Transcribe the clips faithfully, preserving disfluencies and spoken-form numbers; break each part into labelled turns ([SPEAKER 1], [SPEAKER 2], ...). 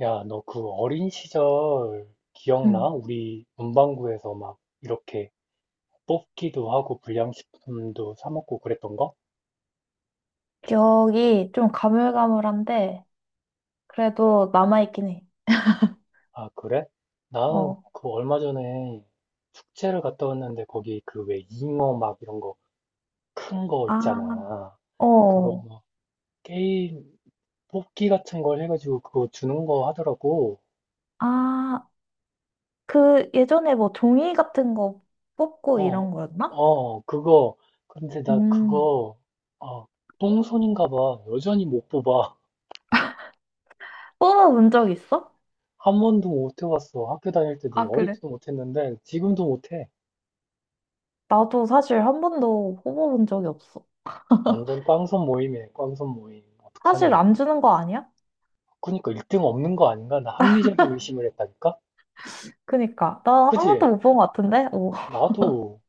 [SPEAKER 1] 야, 너 그 어린 시절 기억나?
[SPEAKER 2] 음.
[SPEAKER 1] 우리 문방구에서 막 이렇게 뽑기도 하고 불량식품도 사 먹고 그랬던 거?
[SPEAKER 2] 기억이 좀 가물가물한데, 그래도 남아있긴 해.
[SPEAKER 1] 아, 그래? 나
[SPEAKER 2] 어,
[SPEAKER 1] 그 얼마 전에 축제를 갔다 왔는데 거기 그 왜 잉어 막 이런 거 큰 거
[SPEAKER 2] 아,
[SPEAKER 1] 있잖아. 그거
[SPEAKER 2] 어.
[SPEAKER 1] 막 게임 뽑기 같은 걸 해가지고 그거 주는 거 하더라고.
[SPEAKER 2] 아, 그 예전에 뭐 종이 같은 거 뽑고
[SPEAKER 1] 어,
[SPEAKER 2] 이런 거였나?
[SPEAKER 1] 어, 그거. 근데 나
[SPEAKER 2] 음.
[SPEAKER 1] 그거, 아, 똥손인가 봐. 여전히 못 뽑아.
[SPEAKER 2] 뽑아본 적 있어?
[SPEAKER 1] 한 번도 못 해봤어. 학교 다닐 때도
[SPEAKER 2] 아,
[SPEAKER 1] 어릴
[SPEAKER 2] 그래.
[SPEAKER 1] 때도 못했는데 지금도 못해.
[SPEAKER 2] 나도 사실 한 번도 뽑아본 적이 없어.
[SPEAKER 1] 완전 꽝손 모임이네, 꽝손 모임. 어떡하니
[SPEAKER 2] 사실 안
[SPEAKER 1] 우리.
[SPEAKER 2] 주는 거 아니야?
[SPEAKER 1] 그러니까 일 등 없는 거 아닌가? 나 합리적인 의심을 했다니까?
[SPEAKER 2] 그니까. 나 한 번도
[SPEAKER 1] 그지?
[SPEAKER 2] 못 본 것 같은데? 오.
[SPEAKER 1] 나도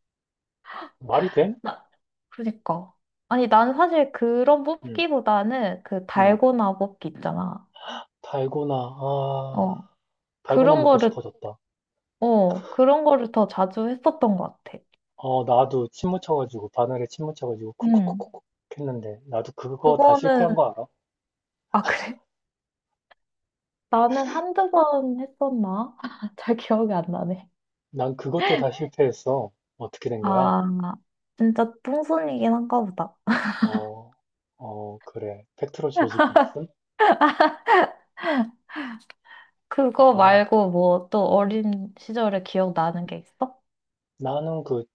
[SPEAKER 1] 말이 돼?
[SPEAKER 2] 나- 그니까. 아니, 나는 사실 그런
[SPEAKER 1] 응,
[SPEAKER 2] 뽑기보다는 그
[SPEAKER 1] 응.
[SPEAKER 2] 달고나 뽑기 있잖아.
[SPEAKER 1] 달고나, 아,
[SPEAKER 2] 어.
[SPEAKER 1] 달고나
[SPEAKER 2] 그런
[SPEAKER 1] 먹고
[SPEAKER 2] 거를
[SPEAKER 1] 싶어졌다.
[SPEAKER 2] 어, 그런 거를 더 자주 했었던 것 같아.
[SPEAKER 1] 어, 나도 침 묻혀가지고 바늘에 침 묻혀가지고
[SPEAKER 2] 응.
[SPEAKER 1] 쿡쿡쿡쿡 했는데 나도 그거 다 실패한
[SPEAKER 2] 그거는,
[SPEAKER 1] 거 알아?
[SPEAKER 2] 아, 그래? 나는 한두 번 했었나? 잘 기억이 안 나네.
[SPEAKER 1] 난 그것도 다 실패했어. 어떻게 된 거야?
[SPEAKER 2] 아, 진짜 똥손이긴 한가 보다.
[SPEAKER 1] 어, 어, 그래. 팩트로 조직이 있음?
[SPEAKER 2] 그거
[SPEAKER 1] 아.
[SPEAKER 2] 말고 뭐 또 어린 시절에 기억나는 게 있어?
[SPEAKER 1] 나는 그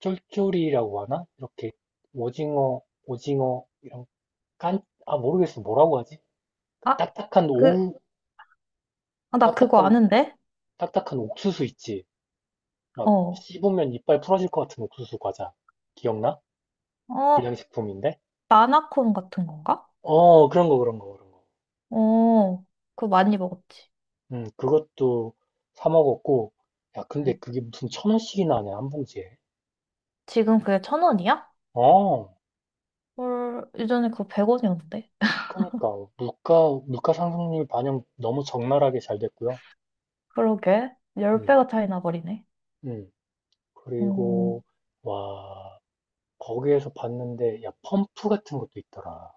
[SPEAKER 1] 쫄쫄이라고 하나? 이렇게 오징어, 오징어 이런 깐, 아 모르겠어 뭐라고 하지? 그
[SPEAKER 2] 아,
[SPEAKER 1] 딱딱한
[SPEAKER 2] 그,
[SPEAKER 1] 오우,
[SPEAKER 2] 아, 나 그거
[SPEAKER 1] 딱딱한
[SPEAKER 2] 아는데?
[SPEAKER 1] 딱딱한 옥수수 있지? 막
[SPEAKER 2] 어,
[SPEAKER 1] 씹으면 이빨 풀어질 것 같은 옥수수 과자 기억나?
[SPEAKER 2] 어,
[SPEAKER 1] 불량식품인데?
[SPEAKER 2] 마나콘 같은 건가?
[SPEAKER 1] 어 그런 거 그런 거 그런 거.
[SPEAKER 2] 어, 그거 많이 먹었지.
[SPEAKER 1] 음 그것도 사 먹었고 야
[SPEAKER 2] 응.
[SPEAKER 1] 근데 그게 무슨 천 원씩이나 하냐 한 봉지에?
[SPEAKER 2] 지금 그게 천 원이야?
[SPEAKER 1] 어
[SPEAKER 2] 헐, 예전에 그거 백 원이었는데.
[SPEAKER 1] 그러니까 물가 물가 상승률 반영 너무 적나라하게 잘 됐고요.
[SPEAKER 2] 그러게.
[SPEAKER 1] 음,
[SPEAKER 2] 십 배가 차이 나버리네.
[SPEAKER 1] 음.
[SPEAKER 2] 음,
[SPEAKER 1] 그리고 와 거기에서 봤는데 야 펌프 같은 것도 있더라.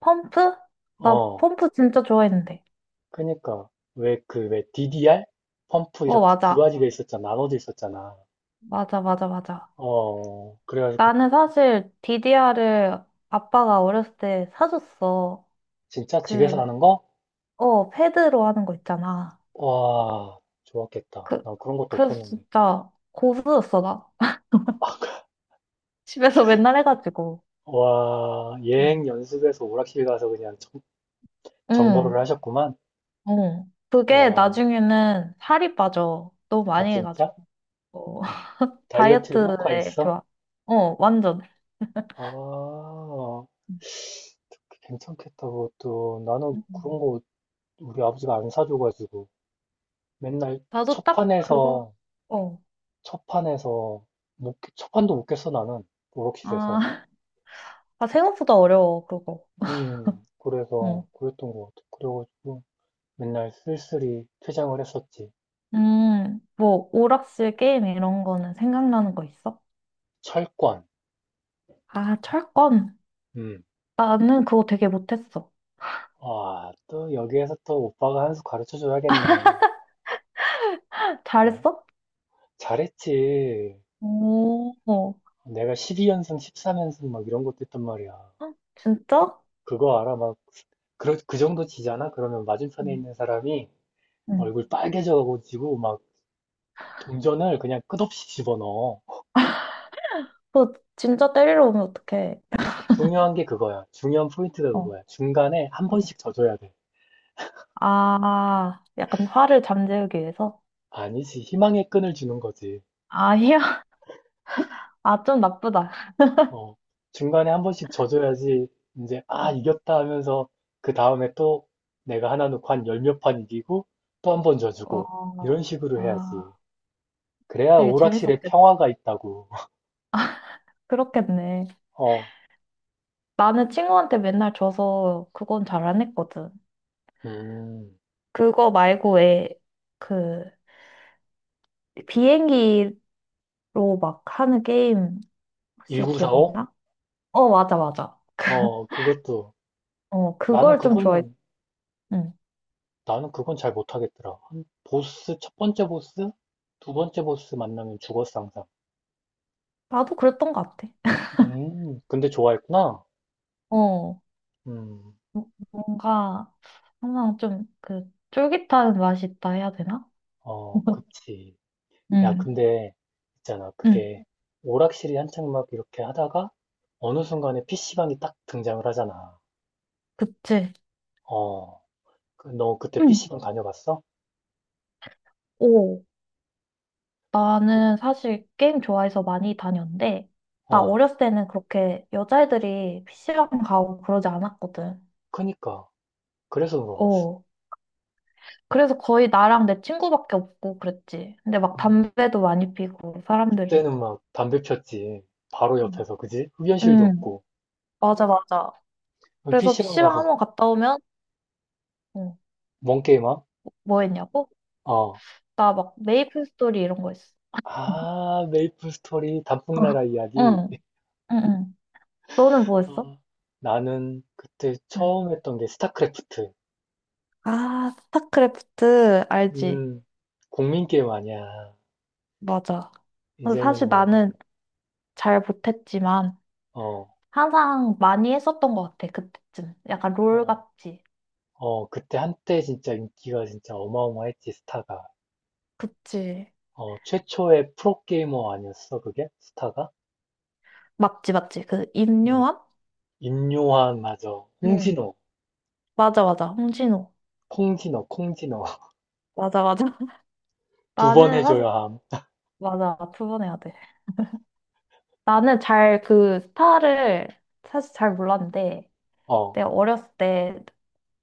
[SPEAKER 2] 펌프? 나
[SPEAKER 1] 어,
[SPEAKER 2] 펌프 진짜 좋아했는데.
[SPEAKER 1] 그니까 왜 그 왜 디디알 펌프
[SPEAKER 2] 어,
[SPEAKER 1] 이렇게 두
[SPEAKER 2] 맞아.
[SPEAKER 1] 가지가 있었잖아, 나눠져 있었잖아.
[SPEAKER 2] 맞아, 맞아, 맞아.
[SPEAKER 1] 어, 그래가지고
[SPEAKER 2] 나는 사실 디디알을 아빠가 어렸을 때 사줬어.
[SPEAKER 1] 진짜 집에서
[SPEAKER 2] 그,
[SPEAKER 1] 하는 거?
[SPEAKER 2] 어, 패드로 하는 거 있잖아.
[SPEAKER 1] 와, 좋았겠다.
[SPEAKER 2] 그,
[SPEAKER 1] 난 그런 것도
[SPEAKER 2] 그래서
[SPEAKER 1] 없었는데.
[SPEAKER 2] 진짜 고수였어, 나. 집에서 맨날 해가지고.
[SPEAKER 1] 와, 예행
[SPEAKER 2] 음.
[SPEAKER 1] 연습해서 오락실 가서 그냥 정, 정보를
[SPEAKER 2] 응,
[SPEAKER 1] 하셨구만.
[SPEAKER 2] 어. 그게
[SPEAKER 1] 와,
[SPEAKER 2] 나중에는 살이 빠져. 너무
[SPEAKER 1] 아
[SPEAKER 2] 많이 해가지고.
[SPEAKER 1] 진짜?
[SPEAKER 2] 어,
[SPEAKER 1] 다이어트 효과
[SPEAKER 2] 다이어트에
[SPEAKER 1] 있어?
[SPEAKER 2] 좋아. 어, 완전.
[SPEAKER 1] 아, 괜찮겠다, 그것도. 나는 그런
[SPEAKER 2] 음.
[SPEAKER 1] 거 우리 아버지가 안 사줘가지고 맨날
[SPEAKER 2] 나도
[SPEAKER 1] 첫
[SPEAKER 2] 딱 그거,
[SPEAKER 1] 판에서
[SPEAKER 2] 어.
[SPEAKER 1] 첫 판에서 못, 깨- 첫 판도 못 깼어 나는 오락실에서.
[SPEAKER 2] 아, 아, 생각보다 어려워, 그거.
[SPEAKER 1] 음 그래서
[SPEAKER 2] 어.
[SPEAKER 1] 그랬던 것 같아 그래가지고 맨날 쓸쓸히 퇴장을 했었지.
[SPEAKER 2] 음, 뭐, 오락실 게임 이런 거는 생각나는 거 있어?
[SPEAKER 1] 철권.
[SPEAKER 2] 아, 철권.
[SPEAKER 1] 음
[SPEAKER 2] 나는 그거 되게 못했어.
[SPEAKER 1] 아 또 여기에서 또 오빠가 한수 가르쳐 줘야겠네. 어,
[SPEAKER 2] 잘했어?
[SPEAKER 1] 잘했지.
[SPEAKER 2] 오, 어.
[SPEAKER 1] 내가 십이 연승 십삼 연승 막 이런 것도 했단 말이야.
[SPEAKER 2] 헉, 진짜?
[SPEAKER 1] 그거 알아 막 그, 그 정도 지잖아. 그러면 맞은편에
[SPEAKER 2] 응.
[SPEAKER 1] 있는 사람이
[SPEAKER 2] 응.
[SPEAKER 1] 얼굴 빨개져가지고 막 동전을 그냥 끝없이 집어넣어.
[SPEAKER 2] 그거 진짜 때리러 오면 어떡해.
[SPEAKER 1] 중요한 게 그거야. 중요한 포인트가
[SPEAKER 2] 어,
[SPEAKER 1] 그거야. 중간에 한
[SPEAKER 2] 어.
[SPEAKER 1] 번씩 져줘야 돼.
[SPEAKER 2] 아, 약간 화를 잠재우기 위해서?
[SPEAKER 1] 아니지. 희망의 끈을 주는 거지.
[SPEAKER 2] 아니야. 아, 좀 나쁘다.
[SPEAKER 1] 어. 중간에 한 번씩 져줘야지 이제 아, 이겼다 하면서 그 다음에 또 내가 하나 놓고 한 열 몇 판 이기고 또 한 번
[SPEAKER 2] 와,
[SPEAKER 1] 져주고 이런 식으로
[SPEAKER 2] 와,
[SPEAKER 1] 해야지. 그래야
[SPEAKER 2] 되게
[SPEAKER 1] 오락실에
[SPEAKER 2] 재밌었겠네.
[SPEAKER 1] 평화가 있다고.
[SPEAKER 2] 그렇겠네.
[SPEAKER 1] 어.
[SPEAKER 2] 나는 친구한테 맨날 줘서 그건 잘 안 했거든.
[SPEAKER 1] 음.
[SPEAKER 2] 그거 말고 왜 그 비행기로 막 하는 게임 혹시
[SPEAKER 1] 일구 사오.
[SPEAKER 2] 기억나? 어, 맞아, 맞아.
[SPEAKER 1] 어, 그것도.
[SPEAKER 2] 어,
[SPEAKER 1] 나는
[SPEAKER 2] 그걸 좀 좋아해.
[SPEAKER 1] 그거는
[SPEAKER 2] 응.
[SPEAKER 1] 나는 그건 잘 못하겠더라. 한 보스, 첫 번째 보스? 두 번째 보스 만나면 죽었어, 항상.
[SPEAKER 2] 나도 그랬던 것 같아.
[SPEAKER 1] 음, 근데 좋아했구나?
[SPEAKER 2] 어,
[SPEAKER 1] 음,
[SPEAKER 2] 뭐- 뭔가 항상 좀 그 쫄깃한 맛이 있다 해야 되나?
[SPEAKER 1] 어, 그치. 야,
[SPEAKER 2] 응,
[SPEAKER 1] 근데, 있잖아.
[SPEAKER 2] 응,
[SPEAKER 1] 그게, 오락실이 한창 막 이렇게 하다가, 어느 순간에 피시방이 딱 등장을 하잖아.
[SPEAKER 2] 그치.
[SPEAKER 1] 어, 그, 너 그때
[SPEAKER 2] 응.
[SPEAKER 1] 피시방 다녀봤어?
[SPEAKER 2] 오.
[SPEAKER 1] 그,
[SPEAKER 2] 나는 사실 게임 좋아해서 많이 다녔는데, 나
[SPEAKER 1] 어,
[SPEAKER 2] 어렸을 때는 그렇게 여자애들이 피시방 가고 그러지 않았거든.
[SPEAKER 1] 그니까. 그래서 물어봤어.
[SPEAKER 2] 어. 그래서 거의 나랑 내 친구밖에 없고 그랬지. 근데 막
[SPEAKER 1] 음,
[SPEAKER 2] 담배도 많이 피고, 사람들이.
[SPEAKER 1] 그때는 막 담배 폈지. 바로
[SPEAKER 2] 음.
[SPEAKER 1] 옆에서, 그지? 흡연실도
[SPEAKER 2] 응,
[SPEAKER 1] 없고.
[SPEAKER 2] 맞아, 맞아. 그래서
[SPEAKER 1] 피시방
[SPEAKER 2] 피시방
[SPEAKER 1] 가서
[SPEAKER 2] 한번 갔다 오면, 어,
[SPEAKER 1] 뭔 게임함?
[SPEAKER 2] 뭐 했냐고?
[SPEAKER 1] 어.
[SPEAKER 2] 나 막 메이플 스토리 이런 거 했어.
[SPEAKER 1] 아, 메이플 스토리
[SPEAKER 2] 어.
[SPEAKER 1] 단풍나라 이야기.
[SPEAKER 2] 응, 응, 응. 너는 뭐 했어?
[SPEAKER 1] 아, 나는 그때
[SPEAKER 2] 응.
[SPEAKER 1] 처음 했던 게 스타크래프트.
[SPEAKER 2] 아, 스타크래프트, 알지?
[SPEAKER 1] 음, 국민 게임 아니야.
[SPEAKER 2] 맞아. 근데
[SPEAKER 1] 이제는
[SPEAKER 2] 사실
[SPEAKER 1] 뭐 그냥
[SPEAKER 2] 나는 잘 못했지만
[SPEAKER 1] 어,
[SPEAKER 2] 항상 많이 했었던 것 같아. 그때쯤 약간 롤
[SPEAKER 1] 어,
[SPEAKER 2] 같지.
[SPEAKER 1] 어, 그때 한때 진짜 인기가 진짜 어마어마했지 스타가.
[SPEAKER 2] 그치.
[SPEAKER 1] 어, 최초의 프로게이머 아니었어 그게? 스타가?
[SPEAKER 2] 맞지 맞지. 그
[SPEAKER 1] 응.
[SPEAKER 2] 임요한.
[SPEAKER 1] 임요환 맞아.
[SPEAKER 2] 응.
[SPEAKER 1] 홍진호,
[SPEAKER 2] 맞아 맞아 홍진호.
[SPEAKER 1] 콩진호, 콩진호.
[SPEAKER 2] 맞아 맞아.
[SPEAKER 1] 두 번
[SPEAKER 2] 나는 사실
[SPEAKER 1] 해줘야 함.
[SPEAKER 2] 맞아, 두 번 해야 돼. 나는 잘 그 스타를 사실 잘 몰랐는데,
[SPEAKER 1] 어,
[SPEAKER 2] 내가 어렸을 때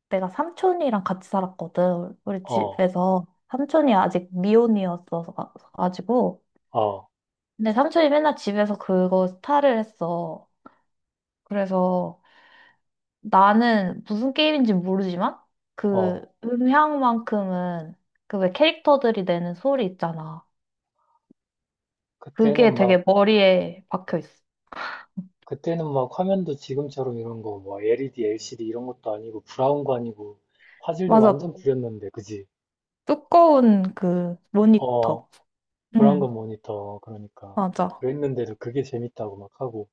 [SPEAKER 2] 내가 삼촌이랑 같이 살았거든. 우리
[SPEAKER 1] 어,
[SPEAKER 2] 집에서 삼촌이 아직 미혼이었어서 가지고.
[SPEAKER 1] 어,
[SPEAKER 2] 근데 삼촌이 맨날 집에서 그거 스타를 했어. 그래서 나는 무슨 게임인지 모르지만 그
[SPEAKER 1] 어.
[SPEAKER 2] 음향만큼은, 그 왜 캐릭터들이 내는 소리 있잖아. 그게
[SPEAKER 1] 그때는 막
[SPEAKER 2] 되게 머리에 박혀 있어.
[SPEAKER 1] 그때는 막 화면도 지금처럼 이런 거, 뭐 엘이디, 엘시디 이런 것도 아니고 브라운관 아니고 화질도
[SPEAKER 2] 맞아.
[SPEAKER 1] 완전 구렸는데, 그지?
[SPEAKER 2] 두꺼운 그
[SPEAKER 1] 어,
[SPEAKER 2] 모니터. 응,
[SPEAKER 1] 브라운관 모니터. 그러니까
[SPEAKER 2] 맞아.
[SPEAKER 1] 그랬는데도 그게 재밌다고 막 하고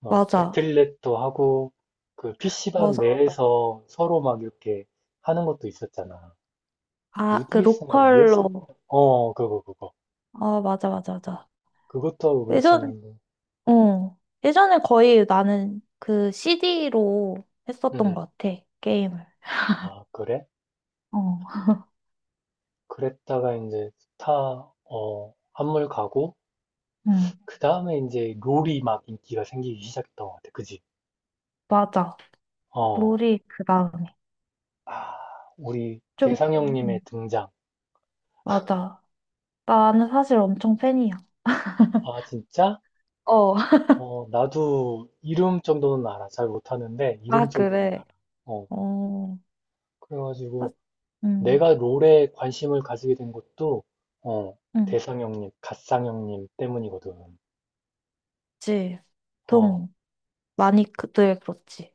[SPEAKER 1] 막
[SPEAKER 2] 맞아.
[SPEAKER 1] 배틀넷도 하고 그 피시방
[SPEAKER 2] 맞아, 맞아.
[SPEAKER 1] 내에서 서로 막 이렇게 하는 것도 있었잖아.
[SPEAKER 2] 아, 그
[SPEAKER 1] 유디에스인가
[SPEAKER 2] 로컬로.
[SPEAKER 1] 유에스비인가? 어, 그거 그거
[SPEAKER 2] 아, 맞아, 맞아, 맞아.
[SPEAKER 1] 그것도 하고
[SPEAKER 2] 예전,
[SPEAKER 1] 그랬었는데.
[SPEAKER 2] 어. 예전에 거의 나는 그 씨디로 했었던
[SPEAKER 1] 음.
[SPEAKER 2] 것 같아. 게임을.
[SPEAKER 1] 아, 그래?
[SPEAKER 2] 어,
[SPEAKER 1] 그랬다가 이제 스타 어 한물 가고.
[SPEAKER 2] 응,
[SPEAKER 1] 그 다음에 이제 롤이 막 인기가 생기기 시작했던 것 같아. 그지?
[SPEAKER 2] 맞아.
[SPEAKER 1] 어.
[SPEAKER 2] 놀이 그 다음에.
[SPEAKER 1] 아, 우리
[SPEAKER 2] 좀,
[SPEAKER 1] 대상 형님의 등장.
[SPEAKER 2] 맞아. 나는 사실 엄청 팬이야.
[SPEAKER 1] 아, 진짜?
[SPEAKER 2] 어,
[SPEAKER 1] 어, 나도 이름 정도는 알아. 잘 못하는데,
[SPEAKER 2] 아,
[SPEAKER 1] 이름 정도는
[SPEAKER 2] 그래.
[SPEAKER 1] 알아. 어,
[SPEAKER 2] 어, 사-
[SPEAKER 1] 그래가지고
[SPEAKER 2] 음,
[SPEAKER 1] 내가 롤에 관심을 가지게 된 것도, 어,
[SPEAKER 2] 음,
[SPEAKER 1] 대상 형님, 갓상 형님 때문이거든.
[SPEAKER 2] 그치.
[SPEAKER 1] 어,
[SPEAKER 2] 동, 많이 그들 그렇지.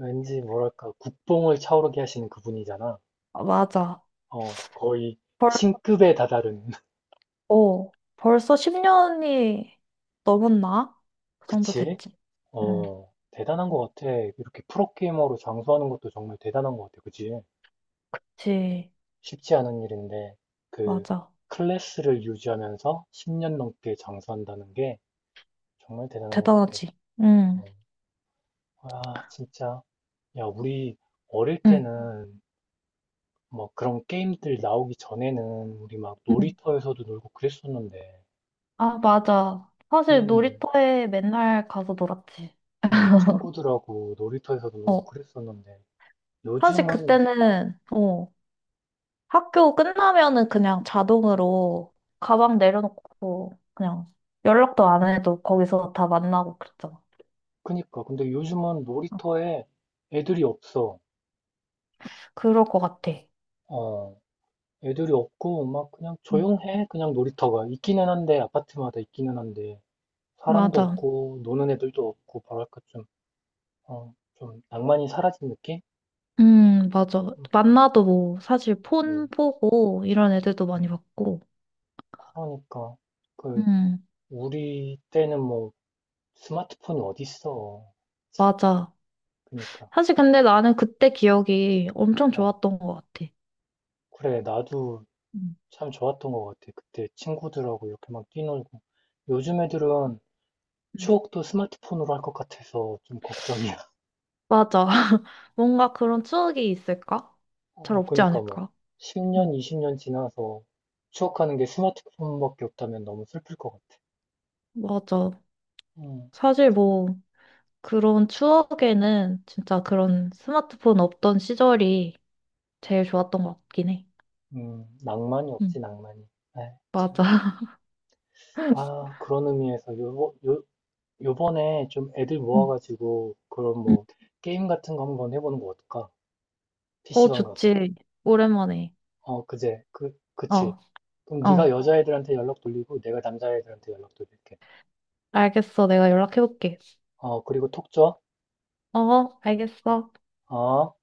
[SPEAKER 1] 왠지 뭐랄까, 국뽕을 차오르게 하시는 그분이잖아.
[SPEAKER 2] 아, 맞아.
[SPEAKER 1] 어, 거의
[SPEAKER 2] 벌,
[SPEAKER 1] 신급에 다다른.
[SPEAKER 2] 어, 벌써 십 년이 넘었나? 그 정도
[SPEAKER 1] 그치?
[SPEAKER 2] 됐지. 응,
[SPEAKER 1] 어, 대단한 것 같아. 이렇게 프로게이머로 장수하는 것도 정말 대단한 것 같아. 그치?
[SPEAKER 2] 그치.
[SPEAKER 1] 쉽지 않은 일인데, 그,
[SPEAKER 2] 맞아.
[SPEAKER 1] 클래스를 유지하면서 십 년 넘게 장수한다는 게 정말 대단한 것 같아.
[SPEAKER 2] 대단하지. 응,
[SPEAKER 1] 어, 아, 진짜. 야, 우리 어릴
[SPEAKER 2] 응,
[SPEAKER 1] 때는 뭐 그런 게임들 나오기 전에는 우리 막
[SPEAKER 2] 응.
[SPEAKER 1] 놀이터에서도 놀고 그랬었는데,
[SPEAKER 2] 아, 맞아. 사실
[SPEAKER 1] 음,
[SPEAKER 2] 놀이터에 맨날 가서 놀았지.
[SPEAKER 1] 음, 친구들하고 놀이터에서도 놀고
[SPEAKER 2] 어,
[SPEAKER 1] 그랬었는데,
[SPEAKER 2] 사실
[SPEAKER 1] 요즘은,
[SPEAKER 2] 그때는, 어, 학교 끝나면은 그냥 자동으로 가방 내려놓고 그냥 연락도 안 해도 거기서 다 만나고 그랬잖아.
[SPEAKER 1] 그니까, 근데 요즘은 놀이터에 애들이 없어.
[SPEAKER 2] 그럴 것 같아.
[SPEAKER 1] 어, 애들이 없고, 막, 그냥
[SPEAKER 2] 음.
[SPEAKER 1] 조용해. 그냥 놀이터가. 있기는 한데, 아파트마다 있기는 한데, 사람도
[SPEAKER 2] 맞아.
[SPEAKER 1] 없고, 노는 애들도 없고, 뭐랄까, 좀, 어, 좀, 낭만이 사라진 느낌?
[SPEAKER 2] 음, 맞아.
[SPEAKER 1] 음,
[SPEAKER 2] 만나도 뭐 사실 폰
[SPEAKER 1] 음,
[SPEAKER 2] 보고 이런 애들도 많이
[SPEAKER 1] 음.
[SPEAKER 2] 봤고.
[SPEAKER 1] 그러니까, 그,
[SPEAKER 2] 음,
[SPEAKER 1] 우리 때는 뭐, 스마트폰이 어딨어.
[SPEAKER 2] 맞아.
[SPEAKER 1] 그니까,
[SPEAKER 2] 사실 근데 나는 그때 기억이 엄청
[SPEAKER 1] 어,
[SPEAKER 2] 좋았던 것 같아.
[SPEAKER 1] 그래, 나도
[SPEAKER 2] 음.
[SPEAKER 1] 참 좋았던 것 같아. 그때 친구들하고 이렇게 막 뛰놀고. 요즘 애들은
[SPEAKER 2] 음.
[SPEAKER 1] 추억도 스마트폰으로 할 것 같아서 좀 걱정이야.
[SPEAKER 2] 맞아. 뭔가 그런 추억이 있을까? 잘
[SPEAKER 1] 어,
[SPEAKER 2] 없지
[SPEAKER 1] 그러니까 뭐
[SPEAKER 2] 않을까?
[SPEAKER 1] 십 년,
[SPEAKER 2] 응,
[SPEAKER 1] 이십 년 지나서 추억하는 게 스마트폰밖에 없다면 너무 슬플 것 같아.
[SPEAKER 2] 맞아.
[SPEAKER 1] 음.
[SPEAKER 2] 사실 뭐, 그런 추억에는 진짜 그런 스마트폰 없던 시절이 제일 좋았던 것 같긴 해.
[SPEAKER 1] 음, 낭만이
[SPEAKER 2] 응,
[SPEAKER 1] 없지, 낭만이. 에이, 참.
[SPEAKER 2] 맞아.
[SPEAKER 1] 아, 그런 의미에서 요, 요, 요번에 좀 애들
[SPEAKER 2] 응.
[SPEAKER 1] 모아가지고 그런
[SPEAKER 2] 응.
[SPEAKER 1] 뭐 게임 같은 거 한번 해보는 거 어떨까?
[SPEAKER 2] 어,
[SPEAKER 1] 피시방 가서.
[SPEAKER 2] 좋지. 오랜만에.
[SPEAKER 1] 어, 그제, 그, 그치.
[SPEAKER 2] 어,
[SPEAKER 1] 그럼 네가
[SPEAKER 2] 어.
[SPEAKER 1] 여자애들한테 연락 돌리고 내가 남자애들한테 연락 돌릴게.
[SPEAKER 2] 알겠어. 내가 연락해볼게.
[SPEAKER 1] 어, 그리고 톡 줘.
[SPEAKER 2] 어, 알겠어.
[SPEAKER 1] 어?